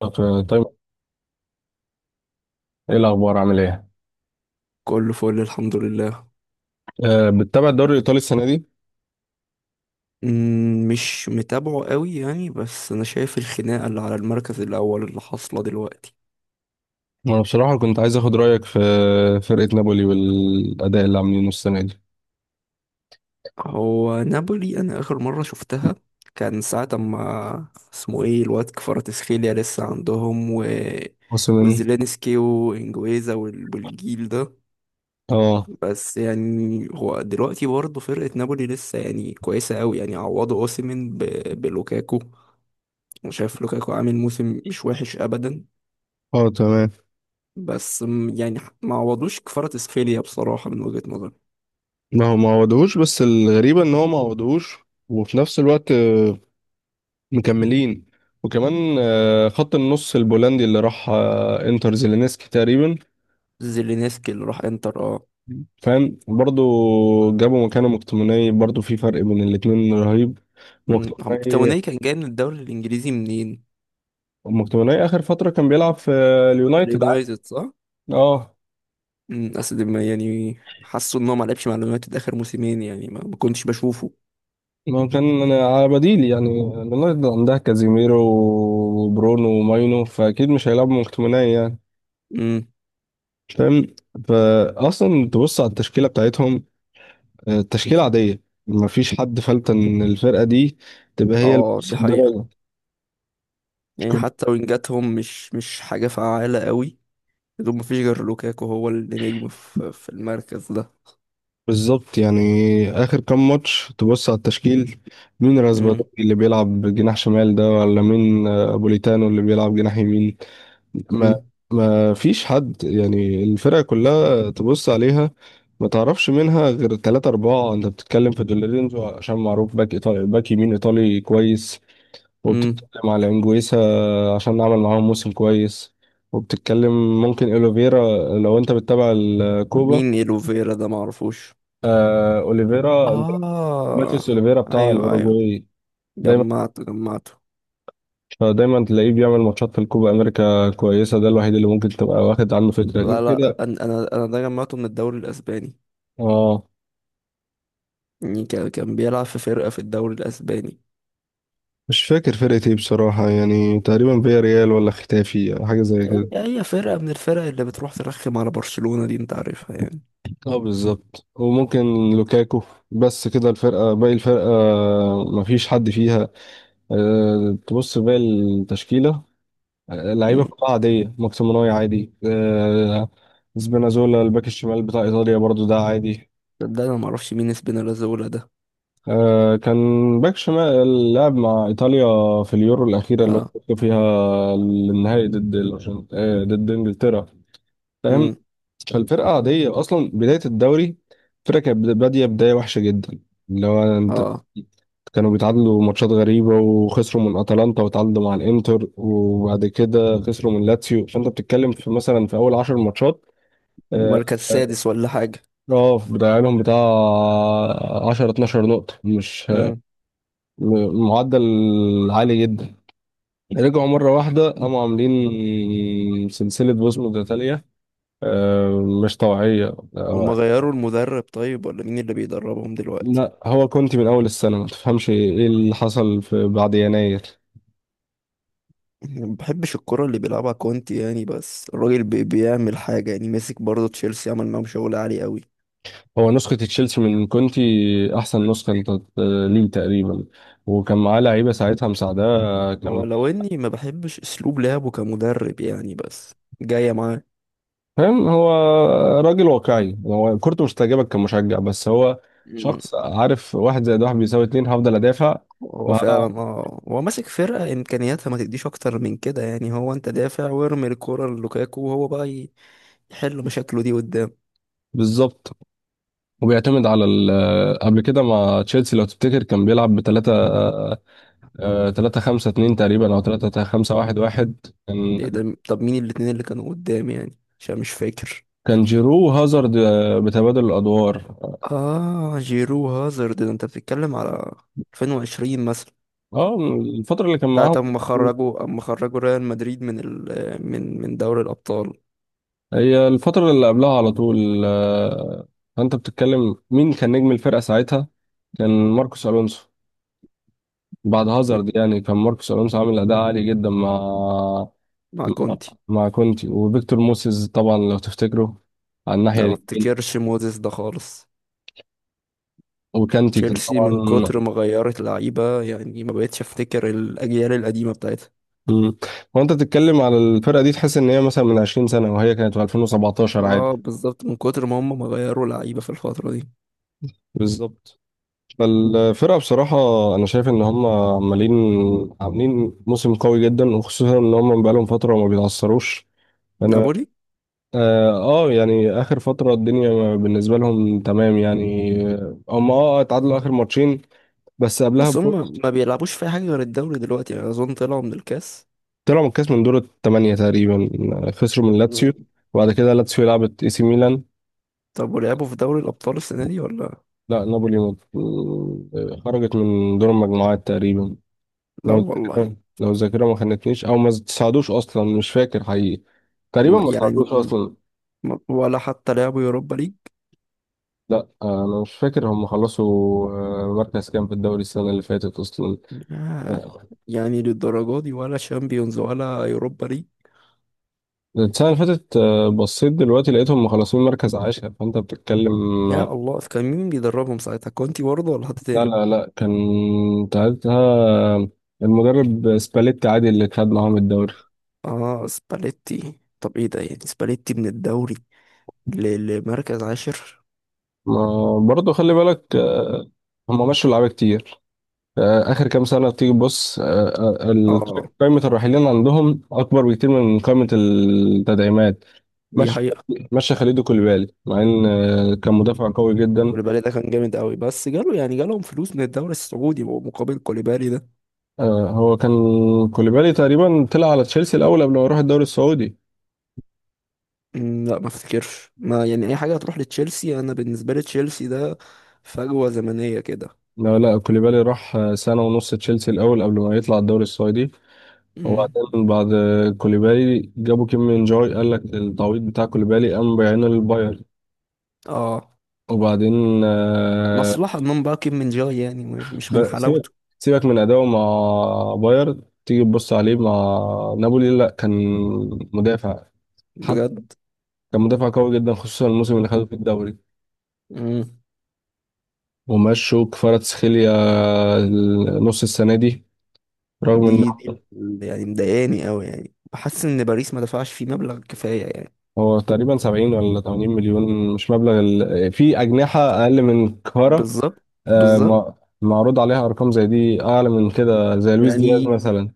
طيب. ايه الاخبار؟ عامل ايه؟ كله فل الحمد لله. بتتابع الدوري الايطالي السنه دي؟ مش متابعه قوي يعني، بس انا شايف الخناقة اللي على المركز الاول اللي حاصلة دلوقتي. وانا بصراحه كنت عايز اخد رايك في فرقه نابولي والاداء اللي عاملينه السنه دي. هو نابولي انا اخر مرة شفتها كان ساعة ما اسمه ايه الواد كفاراتسخيليا لسه عندهم و موسم. وزيلينسكي وانجويزا والجيل ده. اه. بس يعني هو دلوقتي برضه فرقة نابولي لسه يعني كويسة قوي، يعني عوضوا اوسيمين بلوكاكو. انا شايف لوكاكو عامل موسم مش وحش ابدا. اه تمام. بس يعني ما عوضوش كفارة اسفيليا بصراحة من وجهة نظري. ما هو ما عوضوهوش، بس الغريبه ان هو ما عوضوهوش وفي نفس الوقت مكملين. وكمان خط النص البولندي اللي راح انتر زيلينسكي تقريبا. زيلينسكي اللي راح انتر، اه. فاهم برضو. جابوا مكانه مكتوميني، برضو في فرق بين الاتنين رهيب. هو مكتوميني مكتوني كان جاي من الدوري الانجليزي منين؟ مكتوماني اخر فتره كان بيلعب في اليونايتد عادي. اليونايتد صح؟ اه. اصل ما يعني حاسه ان هو ما لعبش مع اليونايتد اخر موسمين، يعني ما كنتش بشوفه. ما هو كان أنا على بديل يعني. اليونايتد عندها كازيميرو وبرونو وماينو، فاكيد مش هيلعبوا مكتوماني يعني. امم. فاهم. فاصلا تبص على التشكيله بتاعتهم، تشكيله عاديه، ما فيش حد فلت ان الفرقه دي تبقى هي اه، دي حقيقة. المتصدره. يعني كنت- حتى وينجاتهم مش حاجة فعالة قوي. بدون ما فيش غير لوكاكو هو اللي نجم في المركز ده. بالظبط يعني. اخر كام ماتش تبص على التشكيل، مين امم. راسباتوري اللي بيلعب جناح شمال ده، ولا مين ابوليتانو اللي بيلعب جناح يمين. ما امم. ما فيش حد يعني، الفرقة كلها تبص عليها ما تعرفش منها غير ثلاثة أربعة. أنت بتتكلم في دولورينزو عشان معروف باك إيطالي، باك يمين إيطالي كويس، امم. وبتتكلم على إنجويسا عشان عمل معاهم موسم كويس، وبتتكلم ممكن أوليفيرا لو أنت بتتابع الكوبا. مين ايلوفيرا ده معرفوش. آه أوليفيرا أنت. اه، ماتيس أوليفيرا بتاع ايوه، ايوه. الأوروجواي. دايما جمعته جمعته. دايما تلاقيه بيعمل ماتشات في الكوبا أمريكا كويسة، ده الوحيد اللي ممكن تبقى واخد عنه فكرة لا غير لا، كده. انا انا أنا ده جمعته من الدوري الاسباني. اه. يعني كان بيلعب في فرقه في الدوري الاسباني. مش فاكر فرقة ايه بصراحة، يعني تقريبا فيا ريال ولا ختافي حاجة زي كده. هي فرقه من الفرق اللي بتروح ترخم على برشلونه دي، انت عارفها يعني. اه بالظبط، وممكن لوكاكو، بس كده الفرقة. باقي الفرقة مفيش حد فيها. تبص باقي التشكيلة، لعيبة امم. كلها عادية. ماكسيموناي عادي. أه. سبينازولا الباك الشمال بتاع إيطاليا برضو ده عادي. ده انا ما اعرفش مين اسبينالازولا ده. أه كان باك شمال لعب مع إيطاليا في اليورو الأخيرة اللي هو اه. كسبوا فيها النهائي ضد ضد إنجلترا. امم. فالفرقة عادية. أصلا بداية الدوري الفرقة كانت بادية بداية وحشة جدا، اللي هو أنت. اه، كانوا بيتعادلوا ماتشات غريبة، وخسروا من أتلانتا، وتعادلوا مع الإنتر، وبعد كده خسروا من لاتسيو. فأنت بتتكلم في مثلا في أول عشر ماتشات. هم آه. مركز سادس ولا حاجه. بضيع لهم بتاع 10 12 نقطة. مش امم. معدل عالي جدا. رجعوا مرة واحدة قاموا عاملين سلسلة بوس متتالية مش طبيعية هم غيروا المدرب طيب، ولا مين اللي بيدربهم دلوقتي؟ لا هو كونتي من اول السنه، ما تفهمش ايه اللي حصل في بعد يناير. ما بحبش الكرة اللي بيلعبها كونتي يعني، بس الراجل بيعمل حاجة يعني، ماسك برضه تشيلسي عمل معاهم شغل عالي قوي. هو نسخه تشيلسي من كونتي، احسن نسخه انت ليه تقريبا. وكان معاه لعيبه ساعتها مساعداه كان. ولو اني ما بحبش اسلوب لعبه كمدرب يعني، بس جاية معاه. فاهم. هو راجل واقعي، هو كورته مش تعجبك كمشجع، بس هو مم. شخص عارف واحد زائد واحد بيساوي اتنين، هفضل ادافع هو وهبقى. فعلا، اه، هو ماسك فرقة امكانياتها ما تديش اكتر من كده، يعني هو انت دافع وارمي الكرة للوكاكو، وهو بقى يحل مشاكله دي قدام. بالظبط. وبيعتمد على قبل كده مع تشيلسي لو تفتكر كان بيلعب بثلاثة، 3 5 2 تقريبا او 3 5 1 1. ايه ده، طب مين الاتنين اللي كانوا قدام يعني عشان مش فاكر. كان جيرو وهازارد بتبادل الادوار. اه، جيرو هازارد ده انت بتتكلم على 2020 مثلا. اه الفتره اللي كان ساعة معاهم، أما خرجوا ريال مدريد من ال من من دوري الأبطال. هي الفتره اللي قبلها على طول فانت بتتكلم مين كان نجم الفرقه ساعتها، كان ماركوس الونسو. بعد هازارد مم. يعني، كان ماركوس الونسو عامل اداء عالي جدا مع. مع كونتي. مع كونتي وفيكتور موسيز طبعا لو تفتكروا، على الناحيه لا، ما اليمين. افتكرش موزيس ده خالص. وكانتي كان تشيلسي من طبعا. كتر ما غيرت لعيبة يعني ما بقتش افتكر الأجيال القديمة بتاعتها. مم. وانت بتتكلم على الفرقه دي، تحس ان هي مثلا من 20 سنه، وهي كانت في 2017 عادي. اه بالظبط، من كتر ما هم ما غيروا لعيبة في الفترة دي. بالظبط. فالفرقة بصراحة، أنا شايف إن هم عاملين موسم قوي جدا، وخصوصا إن هم بقالهم فترة ما بيتعثروش. أنا. نابولي. آه, يعني آخر فترة الدنيا بالنسبة لهم تمام يعني. هم اتعادلوا آخر ماتشين بس قبلها بس بجول. هم ما بيلعبوش في حاجة غير الدوري دلوقتي، يعني أظن طلعوا من الكاس. طلعوا من الكاس من دور الثمانية تقريبا، خسروا من لاتسيو. مم. وبعد كده لاتسيو لعبت إي سي ميلان. طب ولعبوا في دوري الأبطال السنة دي ولا؟ لا نابولي خرجت من دور المجموعات تقريبا. لا والله. لو الذاكرة ما خانتنيش أو ما ساعدوش أصلا، مش فاكر حقيقي. تقريبا ما يعني ساعدوش أصلا. ولا حتى لعبوا يوروبا ليج. لا أنا مش فاكر هم خلصوا مركز كام في الدوري السنة اللي فاتت أصلا. يا آه، يعني للدرجة دي، ولا شامبيونز ولا يوروبا ليج؟ السنة اللي فاتت بصيت دلوقتي لقيتهم مخلصين مركز عاشر. فأنت بتتكلم. يا الله، في كان مين بيدربهم ساعتها، كونتي برضه ولا حد لا تاني؟ لا لا كان ساعتها المدرب سباليت عادي اللي خد معاهم الدوري. اه سباليتي، طب ايه ده، يعني سباليتي من الدوري لمركز عاشر. ما برضه خلي بالك هم مشوا لعيبة كتير آخر كام سنة تيجي تبص آه، ال- اه قائمة الراحلين عندهم أكبر بكتير من قائمة التدعيمات. دي مشى حقيقة. مشى خليدو كوليبالي، مع إن كان مدافع قوي جدا. كوليبالي ده كان جامد قوي، بس جاله يعني جالهم فلوس من الدوري السعودي مقابل كوليبالي ده. هو كان كوليبالي تقريبا طلع على تشيلسي الأول قبل ما يروح الدوري السعودي. لا ما افتكرش ما يعني اي حاجة هتروح لتشيلسي، انا بالنسبة لي تشيلسي ده فجوة زمنية كده. لا لا كوليبالي راح سنة ونص تشيلسي الأول قبل ما يطلع الدوري السعودي. أمم، وبعدين بعد كوليبالي، جابوا كيم من جوي، قال لك التعويض بتاع كوليبالي قام بيعينه للبايرن. اه، وبعدين مصلحة من باق من جاي، يعني مش من ب- سيبك حلاوته. سيبك من اداؤه مع بايرن، تيجي تبص عليه مع نابولي لا كان مدافع. حتى بجد. كان مدافع قوي جدا خصوصا الموسم اللي خده في الدوري. مم. ومشوا كفاراتسخيليا نص السنه دي، رغم ان. دي اللي يعني مضايقاني قوي، يعني بحس ان باريس ما دفعش فيه مبلغ كفاية يعني. هو تقريبا 70 ولا 80 مليون، مش مبلغ في اجنحه اقل من كفارا بالظبط. آه، بالظبط م- معروض عليها ارقام زي دي اعلى من كده، زي لويس دياز يعني. مثلا.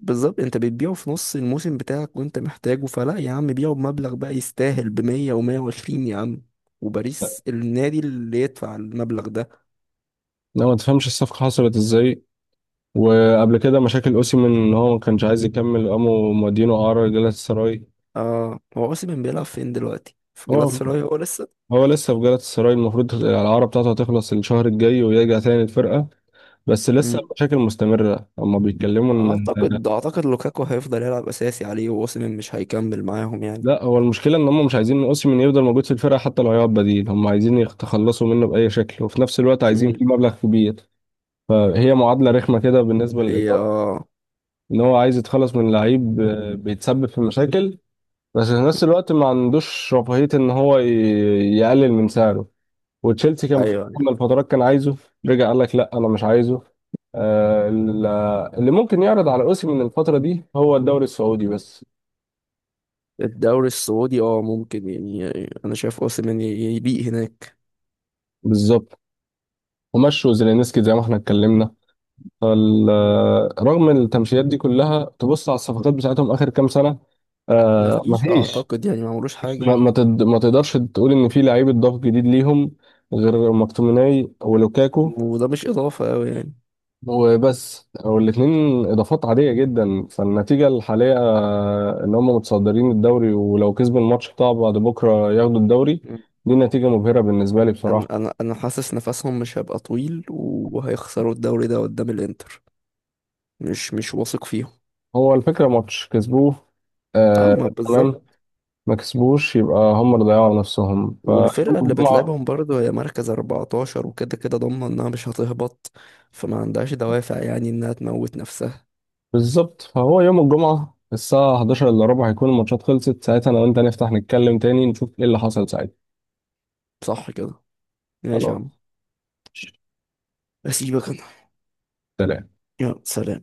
بالظبط، انت بتبيعه في نص الموسم بتاعك وانت محتاجه، فلا يا عم بيعه بمبلغ بقى يستاهل ب 100 و120 يا عم. وباريس النادي اللي يدفع المبلغ ده. لا ما تفهمش الصفقه حصلت ازاي. وقبل كده مشاكل اوسيمين ان هو ما كانش عايز يكمل، قاموا مودينه اعاره لجلالة السراي. اه، هو اوسيمين بيلعب فين دلوقتي؟ في هو جلاتاسراي هو لسه؟ هو لسه في جلالة السراي، المفروض الاعاره بتاعته هتخلص الشهر الجاي ويرجع تاني الفرقه، بس لسه المشاكل مستمره هما بيتكلموا ان. اعتقد لوكاكو هيفضل يلعب اساسي عليه، ووسيم مش هيكمل معاهم يعني. لا هو المشكله ان هم مش عايزين اوسيمين يفضل موجود في الفرقه، حتى لو هيقعد بديل، هم عايزين يتخلصوا منه باي شكل، وفي نفس الوقت عايزين مم. فيه مبلغ كبير. فهي معادله رخمه كده بالنسبه هي للاداره، اه. ان هو عايز يتخلص من لعيب بيتسبب في مشاكل، بس في نفس الوقت ما عندوش رفاهية ان هو يقلل من سعره. وتشيلسي كان في فترة ايوه. من الفترات كان عايزه، رجع قال لك لا انا مش عايزه. آه، ال- اللي ممكن يعرض على اوسيمين من الفترة دي هو الدوري السعودي بس. الدوري السعودي اه ممكن يعني، انا شايف اوسيمين يبيق هناك. بالظبط. ومشوا زيلينسكي زي ما احنا اتكلمنا. مم. رغم التمشيات دي كلها تبص على الصفقات بتاعتهم اخر كام سنة. آه مفيش، مفيش. اعتقد يعني ما عملوش حاجه. ما تقدرش تقول ان في لعيب اتضاف جديد ليهم، غير مكتوميناي ولوكاكو. وده مش اضافه قوي يعني. وبس. والاتنين اضافات عاديه جدا. فالنتيجه الحاليه ان هم متصدرين الدوري، ولو كسبوا الماتش بتاع بعد بكره ياخدوا الدوري. مم. دي نتيجه مبهره بالنسبه لي انا بصراحه. انا انا حاسس نفسهم مش هيبقى طويل وهيخسروا الدوري ده قدام الانتر. مش واثق فيهم. هو الفكره ماتش كسبوه. آه اما بالظبط. تمام. ما كسبوش، يبقى هم اللي ضيعوا نفسهم فيوم والفرقة اللي الجمعه. بتلعبهم برضه هي مركز 14، وكده كده ضامنة إنها مش هتهبط. فما عندهاش دوافع يعني إنها تموت نفسها. بالظبط. فهو يوم الجمعه الساعه 11 الا ربع هيكون الماتشات خلصت، ساعتها انا وانت نفتح نتكلم تاني نشوف ايه اللي حصل ساعتها. صح كده. ماشي يا خلاص. عم. أسيبك أنا. سلام. يلا سلام.